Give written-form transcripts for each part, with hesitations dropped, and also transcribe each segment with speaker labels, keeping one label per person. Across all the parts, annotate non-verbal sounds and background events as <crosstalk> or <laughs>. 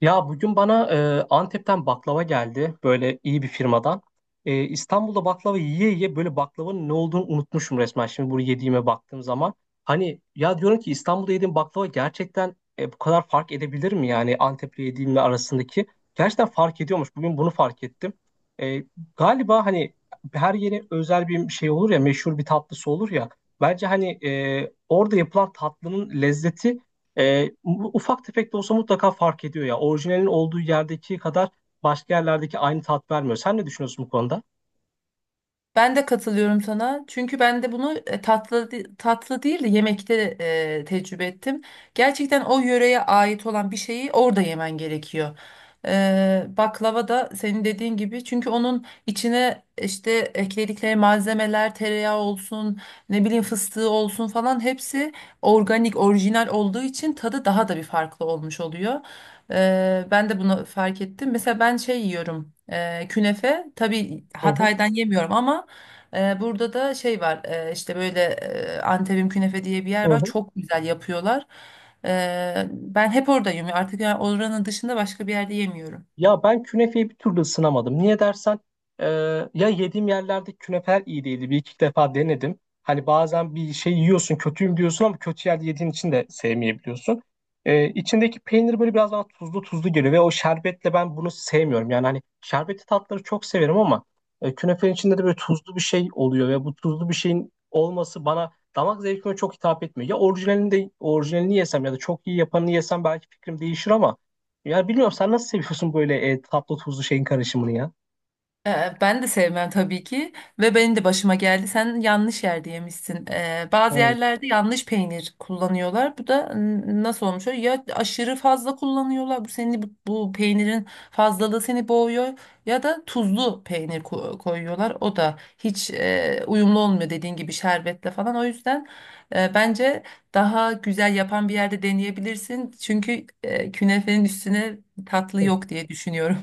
Speaker 1: Ya bugün bana Antep'ten baklava geldi böyle iyi bir firmadan. İstanbul'da baklava yiye yiye böyle baklavanın ne olduğunu unutmuşum resmen şimdi bunu yediğime baktığım zaman. Hani ya diyorum ki İstanbul'da yediğim baklava gerçekten bu kadar fark edebilir mi yani Antep'le yediğimle arasındaki? Gerçekten fark ediyormuş bugün bunu fark ettim. E, Galiba hani her yere özel bir şey olur ya meşhur bir tatlısı olur ya. Bence hani orada yapılan tatlının lezzeti bu ufak tefek de olsa mutlaka fark ediyor ya. Orijinalin olduğu yerdeki kadar başka yerlerdeki aynı tat vermiyor. Sen ne düşünüyorsun bu konuda?
Speaker 2: Ben de katılıyorum sana. Çünkü ben de bunu tatlı değil de yemekte tecrübe ettim. Gerçekten o yöreye ait olan bir şeyi orada yemen gerekiyor. Baklava da senin dediğin gibi, çünkü onun içine işte ekledikleri malzemeler, tereyağı olsun, ne bileyim fıstığı olsun falan hepsi organik, orijinal olduğu için tadı daha da bir farklı olmuş oluyor. Ben de bunu fark ettim. Mesela ben şey yiyorum. Künefe tabii
Speaker 1: Hı hı,
Speaker 2: Hatay'dan yemiyorum ama burada da şey var, işte böyle Antep'in künefe diye bir
Speaker 1: hı
Speaker 2: yer var,
Speaker 1: hı.
Speaker 2: çok güzel yapıyorlar. Ben hep oradayım artık, yani oranın dışında başka bir yerde yemiyorum.
Speaker 1: Ya ben künefeyi bir türlü ısınamadım. Niye dersen e, ya yediğim yerlerde künefer iyi değildi. Bir iki defa denedim. Hani bazen bir şey yiyorsun kötüyüm diyorsun ama kötü yerde yediğin için de sevmeyebiliyorsun. İçindeki peynir böyle biraz bana tuzlu tuzlu geliyor ve o şerbetle ben bunu sevmiyorum. Yani hani şerbetli tatları çok severim ama künefenin içinde de böyle tuzlu bir şey oluyor ve bu tuzlu bir şeyin olması bana damak zevkime çok hitap etmiyor. Ya orijinalini de orijinalini yesem ya da çok iyi yapanını yesem belki fikrim değişir ama ya bilmiyorum sen nasıl seviyorsun böyle tatlı tuzlu şeyin karışımını ya?
Speaker 2: Ben de sevmem tabii ki, ve benim de başıma geldi. Sen yanlış yerde yemişsin. Bazı
Speaker 1: Yani
Speaker 2: yerlerde yanlış peynir kullanıyorlar. Bu da nasıl olmuş? Oluyor? Ya aşırı fazla kullanıyorlar. Bu seni, bu peynirin fazlalığı seni boğuyor. Ya da tuzlu peynir koyuyorlar. O da hiç uyumlu olmuyor dediğin gibi şerbetle falan. O yüzden bence daha güzel yapan bir yerde deneyebilirsin. Çünkü künefenin üstüne tatlı yok diye düşünüyorum.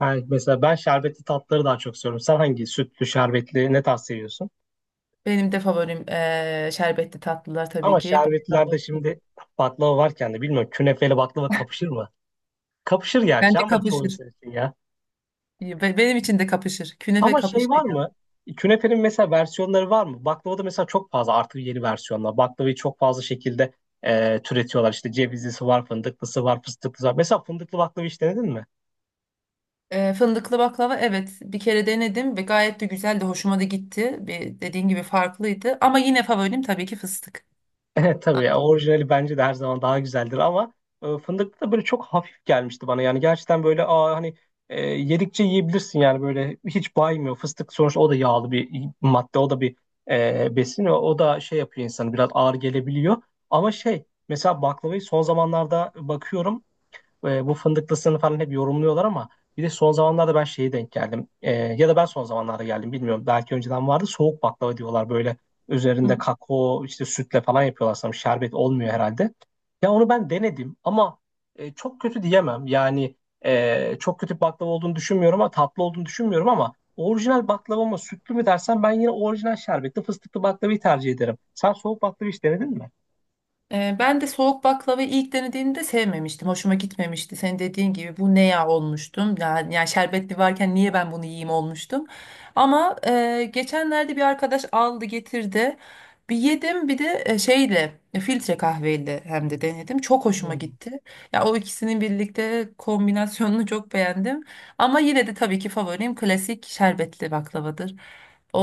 Speaker 1: mesela ben şerbetli tatları daha çok seviyorum. Sen hangi sütlü, şerbetli ne tarz seviyorsun?
Speaker 2: Benim de favorim şerbetli tatlılar tabii
Speaker 1: Ama
Speaker 2: ki. Baklava
Speaker 1: şerbetlilerde
Speaker 2: olsun.
Speaker 1: şimdi baklava varken de bilmiyorum künefeyle baklava kapışır mı? Kapışır gerçi
Speaker 2: Bence
Speaker 1: ama çoğu
Speaker 2: kapışır.
Speaker 1: insan için ya.
Speaker 2: Benim için de kapışır. Künefe
Speaker 1: Ama şey
Speaker 2: kapıştı
Speaker 1: var
Speaker 2: ya.
Speaker 1: mı? Künefenin mesela versiyonları var mı? Baklavada mesela çok fazla artık yeni versiyonlar. Baklavayı çok fazla şekilde türetiyorlar. İşte cevizlisi var, fındıklısı var, fıstıklısı var. Mesela fındıklı baklava hiç denedin mi?
Speaker 2: Fındıklı baklava, evet, bir kere denedim ve gayet de güzeldi. Hoşuma da gitti. Bir, dediğin gibi, farklıydı. Ama yine favorim tabii ki fıstık.
Speaker 1: Evet tabii ya orijinali bence de her zaman daha güzeldir ama fındıklı da böyle çok hafif gelmişti bana. Yani gerçekten böyle hani yedikçe yiyebilirsin yani böyle hiç baymıyor. Fıstık sonuçta o da yağlı bir madde o da bir besin o da şey yapıyor insanı biraz ağır gelebiliyor. Ama şey mesela baklavayı son zamanlarda bakıyorum bu fındıklısını falan hep yorumluyorlar ama bir de son zamanlarda ben şeye denk geldim. E, ya da ben son zamanlarda geldim bilmiyorum. Belki önceden vardı soğuk baklava diyorlar böyle
Speaker 2: Hı.
Speaker 1: üzerinde kakao işte sütle falan yapıyorlar sanırım. Şerbet olmuyor herhalde. Ya onu ben denedim ama çok kötü diyemem. Yani çok kötü bir baklava olduğunu düşünmüyorum ama tatlı olduğunu düşünmüyorum ama orijinal baklava mı sütlü mü dersen ben yine orijinal şerbetli fıstıklı baklavayı tercih ederim. Sen soğuk baklava hiç denedin mi?
Speaker 2: Ben de soğuk baklavayı ilk denediğimde sevmemiştim. Hoşuma gitmemişti. Senin dediğin gibi, bu ne ya olmuştum. Yani şerbetli varken niye ben bunu yiyeyim olmuştum. Ama geçenlerde bir arkadaş aldı getirdi. Bir yedim, bir de şeyle, filtre kahveyle hem de denedim. Çok hoşuma
Speaker 1: Hmm.
Speaker 2: gitti. Ya o ikisinin birlikte kombinasyonunu çok beğendim. Ama yine de tabii ki favorim klasik şerbetli baklavadır.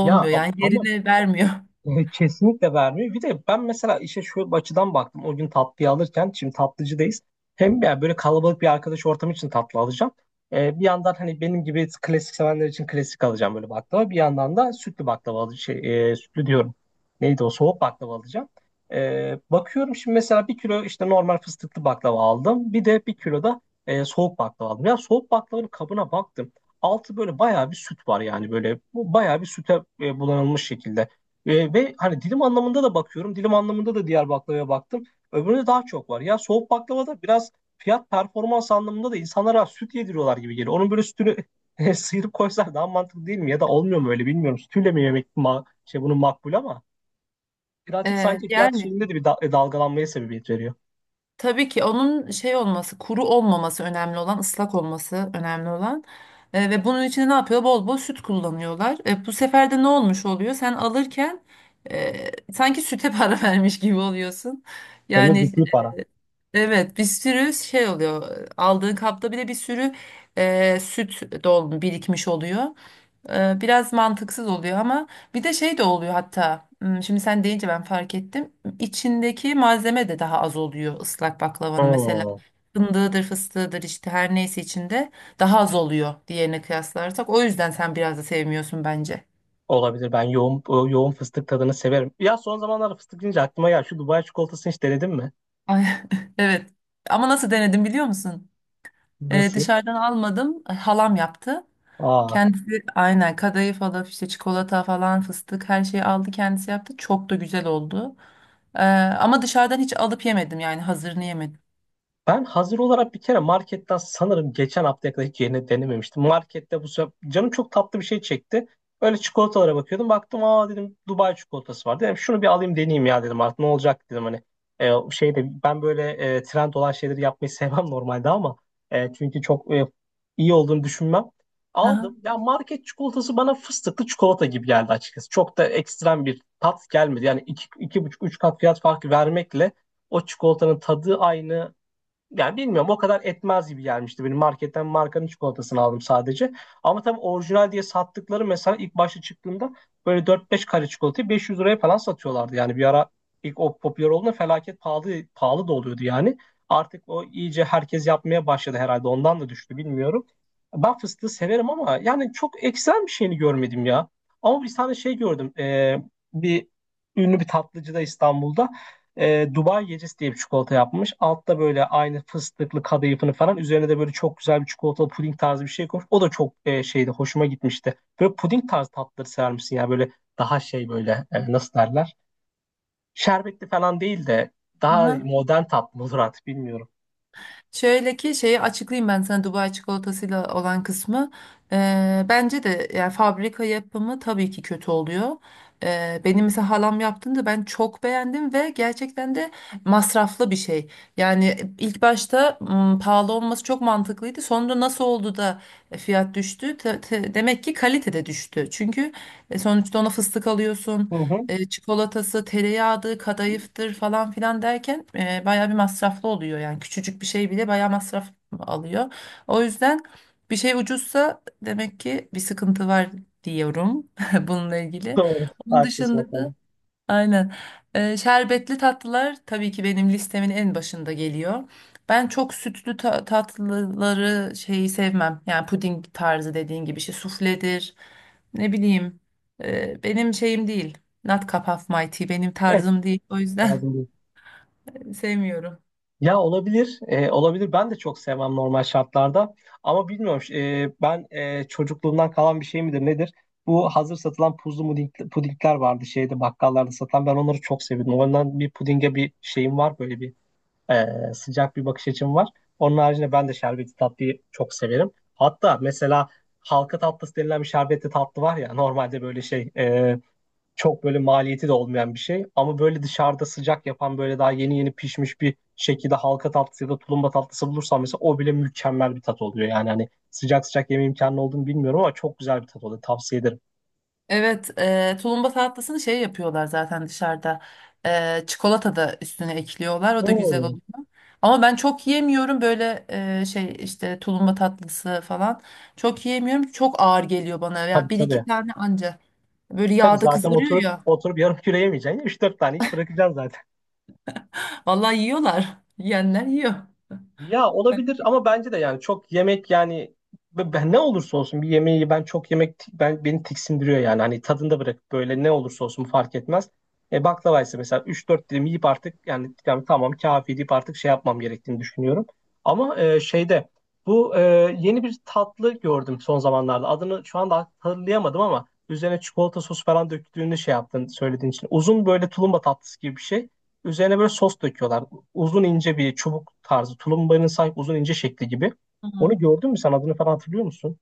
Speaker 1: Ya
Speaker 2: yani,
Speaker 1: ama
Speaker 2: yerini vermiyor. <laughs>
Speaker 1: Kesinlikle vermiyor. Bir de ben mesela işe şu açıdan baktım. O gün tatlıyı alırken şimdi tatlıcıdayız. Hem yani böyle kalabalık bir arkadaş ortamı için tatlı alacağım. Bir yandan hani benim gibi klasik sevenler için klasik alacağım böyle baklava. Bir yandan da sütlü baklava alacağım. Sütlü diyorum. Neydi o soğuk baklava alacağım. Bakıyorum şimdi mesela bir kilo işte normal fıstıklı baklava aldım. Bir de bir kilo da soğuk baklava aldım. Ya soğuk baklavanın kabına baktım. Altı böyle bayağı bir süt var yani böyle. Bu bayağı bir süte bulanılmış şekilde. Ve hani dilim anlamında da bakıyorum. Dilim anlamında da diğer baklavaya baktım. Öbüründe daha çok var. Ya soğuk baklava biraz fiyat performans anlamında da insanlara süt yediriyorlar gibi geliyor. Onun böyle sütünü <laughs> sıyırıp koysalar daha mantıklı değil mi? Ya da olmuyor mu öyle bilmiyorum. Sütüyle mi yemek şey bunun makbul ama birazcık sanki fiyat
Speaker 2: Yani
Speaker 1: şeyinde de bir dalgalanmaya sebebiyet veriyor.
Speaker 2: tabii ki onun şey olması, kuru olmaması önemli olan, ıslak olması önemli olan. Ve bunun için ne yapıyor? Bol bol süt kullanıyorlar. Bu sefer de ne olmuş oluyor? Sen alırken sanki süte <laughs> para vermiş gibi oluyorsun.
Speaker 1: Hem de
Speaker 2: Yani
Speaker 1: ciddi para.
Speaker 2: evet, bir sürü şey oluyor. Aldığın kapta bile bir sürü süt dolmuş, birikmiş oluyor. Biraz mantıksız oluyor, ama bir de şey de oluyor hatta, hmm, şimdi sen deyince ben fark ettim, içindeki malzeme de daha az oluyor ıslak baklavanın mesela,
Speaker 1: Hmm.
Speaker 2: fındığıdır fıstığıdır işte her neyse, içinde daha az oluyor diğerine kıyaslarsak, o yüzden sen biraz da sevmiyorsun bence.
Speaker 1: Olabilir. Ben yoğun yoğun fıstık tadını severim. Ya son zamanlarda fıstık deyince aklıma ya şu Dubai çikolatasını hiç denedin mi?
Speaker 2: Ay, <laughs> evet, ama nasıl denedim biliyor musun?
Speaker 1: Nasıl?
Speaker 2: Dışarıdan almadım, halam yaptı.
Speaker 1: Aa.
Speaker 2: Kendisi aynen kadayıf alıp işte çikolata falan fıstık her şeyi aldı, kendisi yaptı. Çok da güzel oldu. Ee, ama dışarıdan hiç alıp yemedim, yani hazırını yemedim.
Speaker 1: Ben hazır olarak bir kere marketten sanırım geçen haftaya kadar hiç yeni denememiştim. Markette bu sefer canım çok tatlı bir şey çekti. Öyle çikolatalara bakıyordum. Baktım aa dedim Dubai çikolatası var. Dedim şunu bir alayım deneyeyim ya dedim artık ne olacak dedim hani. Şeyde ben böyle trend olan şeyleri yapmayı <laughs> sevmem normalde ama çünkü çok iyi olduğunu düşünmem.
Speaker 2: Aha,
Speaker 1: Aldım. Ya market çikolatası bana fıstıklı çikolata gibi geldi açıkçası. Çok da ekstrem bir tat gelmedi. Yani iki buçuk, üç kat fiyat farkı vermekle o çikolatanın tadı aynı, yani bilmiyorum o kadar etmez gibi gelmişti. Benim marketten markanın çikolatasını aldım sadece. Ama tabii orijinal diye sattıkları mesela ilk başta çıktığında böyle dört beş kare çikolatayı 500 liraya falan satıyorlardı. Yani bir ara ilk o popüler olduğunda felaket pahalı pahalı da oluyordu yani. Artık o iyice herkes yapmaya başladı herhalde. Ondan da düştü bilmiyorum. Ben fıstığı severim ama yani çok ekstrem bir şeyini görmedim ya. Ama bir tane şey gördüm. Bir Ünlü bir tatlıcıda İstanbul'da Dubai gecesi diye bir çikolata yapmış. Altta böyle aynı fıstıklı kadayıfını falan. Üzerine de böyle çok güzel bir çikolatalı puding tarzı bir şey koymuş. O da çok şeydi hoşuma gitmişti. Böyle puding tarzı tatları sever misin ya? Böyle daha şey böyle nasıl derler? Şerbetli falan değil de daha
Speaker 2: aha.
Speaker 1: modern tatlı olur artık bilmiyorum.
Speaker 2: Şöyle ki, şeyi açıklayayım ben sana Dubai çikolatasıyla olan kısmı. Bence de yani fabrika yapımı tabii ki kötü oluyor. Benim mesela halam yaptığında ben çok beğendim ve gerçekten de masraflı bir şey. Yani ilk başta, pahalı olması çok mantıklıydı. Sonra nasıl oldu da fiyat düştü? Demek ki kalite de düştü. Çünkü sonuçta ona fıstık alıyorsun,
Speaker 1: Hı hı.
Speaker 2: çikolatası, tereyağıdır, kadayıftır falan filan derken bayağı bir masraflı oluyor. Yani küçücük bir şey bile bayağı masraf alıyor. O yüzden bir şey ucuzsa demek ki bir sıkıntı var diyorum <laughs> bununla
Speaker 1: <laughs>
Speaker 2: ilgili.
Speaker 1: Doğru.
Speaker 2: Onun
Speaker 1: Haklısın o.
Speaker 2: dışında da aynen. Şerbetli tatlılar tabii ki benim listemin en başında geliyor. Ben çok sütlü tatlıları şeyi sevmem. Yani puding tarzı dediğin gibi şey, sufledir. Ne bileyim. Benim şeyim değil. Not cup of my tea, benim
Speaker 1: Evet.
Speaker 2: tarzım değil. O yüzden
Speaker 1: Ağzım.
Speaker 2: <laughs> sevmiyorum.
Speaker 1: Ya olabilir, olabilir. Ben de çok sevmem normal şartlarda. Ama bilmiyorum, ben çocukluğumdan kalan bir şey midir nedir? Bu hazır satılan puzlu puding, pudingler vardı şeyde bakkallarda satılan. Ben onları çok seviyordum. Ondan bir pudinge bir şeyim var, böyle bir e, sıcak bir bakış açım var. Onun haricinde ben de şerbetli tatlıyı çok severim. Hatta mesela halka tatlısı denilen bir şerbetli tatlı var ya normalde böyle çok böyle maliyeti de olmayan bir şey. Ama böyle dışarıda sıcak yapan böyle daha yeni yeni pişmiş bir şekilde halka tatlısı ya da tulumba tatlısı bulursam mesela o bile mükemmel bir tat oluyor. Yani hani sıcak sıcak yeme imkanı olduğunu bilmiyorum ama çok güzel bir tat oluyor. Tavsiye ederim.
Speaker 2: Evet, tulumba tatlısını şey yapıyorlar zaten dışarıda. Çikolata da üstüne ekliyorlar. O da güzel
Speaker 1: Oo,
Speaker 2: oluyor. Ama ben çok yiyemiyorum böyle şey işte tulumba tatlısı falan. Çok yiyemiyorum. Çok ağır geliyor bana. Yani
Speaker 1: tabii
Speaker 2: bir iki
Speaker 1: tabii.
Speaker 2: tane anca. Böyle
Speaker 1: Tabii
Speaker 2: yağda
Speaker 1: zaten
Speaker 2: kızarıyor
Speaker 1: oturup
Speaker 2: ya.
Speaker 1: oturup yarım kilo yemeyeceksin. Üç dört tane yiyip bırakacaksın zaten.
Speaker 2: <laughs> Vallahi yiyorlar. Yiyenler yiyor.
Speaker 1: Ya olabilir ama bence de yani çok yemek yani ben ne olursa olsun bir yemeği ben çok yemek ben beni tiksindiriyor yani hani tadında bırakıp böyle ne olursa olsun fark etmez. E baklava ise mesela 3-4 dilim yiyip artık yani tamam kafi deyip artık şey yapmam gerektiğini düşünüyorum. Ama bu e, yeni bir tatlı gördüm son zamanlarda adını şu anda hatırlayamadım ama üzerine çikolata sos falan döktüğünü şey yaptın söylediğin için uzun böyle tulumba tatlısı gibi bir şey. Üzerine böyle sos döküyorlar uzun ince bir çubuk tarzı tulumbanın sahip uzun ince şekli gibi. Onu
Speaker 2: Hı.
Speaker 1: gördün mü sen adını falan hatırlıyor musun?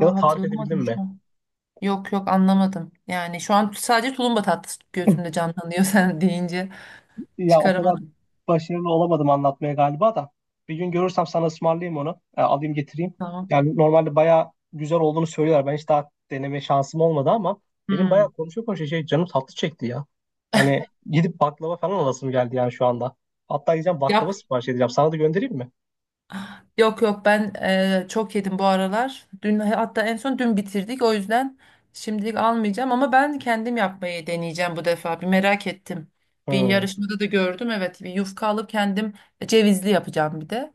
Speaker 1: Ya da tarif edebildin
Speaker 2: hatırlamadım şu
Speaker 1: mi?
Speaker 2: an. Yok yok, anlamadım. Yani şu an sadece tulumba tatlısı gözümde canlanıyor <laughs> sen deyince.
Speaker 1: Ya o kadar
Speaker 2: Çıkaramadım.
Speaker 1: başarılı olamadım anlatmaya galiba da. Bir gün görürsem sana ısmarlayayım onu. Alayım getireyim.
Speaker 2: Tamam.
Speaker 1: Yani normalde bayağı güzel olduğunu söylüyorlar. Ben hiç daha deneme şansım olmadı ama benim bayağı
Speaker 2: Hmm.
Speaker 1: konuşa konuşa şey canım tatlı çekti ya. Hani gidip baklava falan alasım geldi yani şu anda. Hatta gideceğim baklava sipariş edeceğim. Sana da göndereyim mi?
Speaker 2: Yok yok, ben çok yedim bu aralar. Dün, hatta en son dün bitirdik. O yüzden şimdilik almayacağım, ama ben kendim yapmayı deneyeceğim bu defa. Bir merak ettim. Bir
Speaker 1: Hmm.
Speaker 2: yarışmada da gördüm. Evet, bir yufka alıp kendim cevizli yapacağım bir de.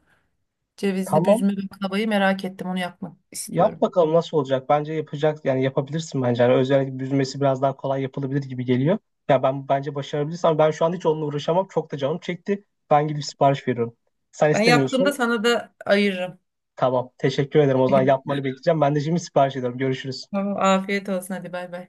Speaker 2: Cevizli
Speaker 1: Tamam.
Speaker 2: büzme baklavayı merak ettim. Onu yapmak
Speaker 1: Yap
Speaker 2: istiyorum.
Speaker 1: bakalım nasıl olacak. Bence yapacak yani yapabilirsin bence. Yani özellikle büzmesi biraz daha kolay yapılabilir gibi geliyor. Ya ben bence başarabilirsem ben şu an hiç onunla uğraşamam. Çok da canım çekti. Ben gidip sipariş veriyorum. Sen
Speaker 2: Ben yaptığımda
Speaker 1: istemiyorsun.
Speaker 2: sana da ayırırım.
Speaker 1: Tamam. Teşekkür ederim. O zaman
Speaker 2: <laughs>
Speaker 1: yapmanı bekleyeceğim. Ben de şimdi sipariş ediyorum. Görüşürüz.
Speaker 2: Tamam, afiyet olsun, hadi bay bay.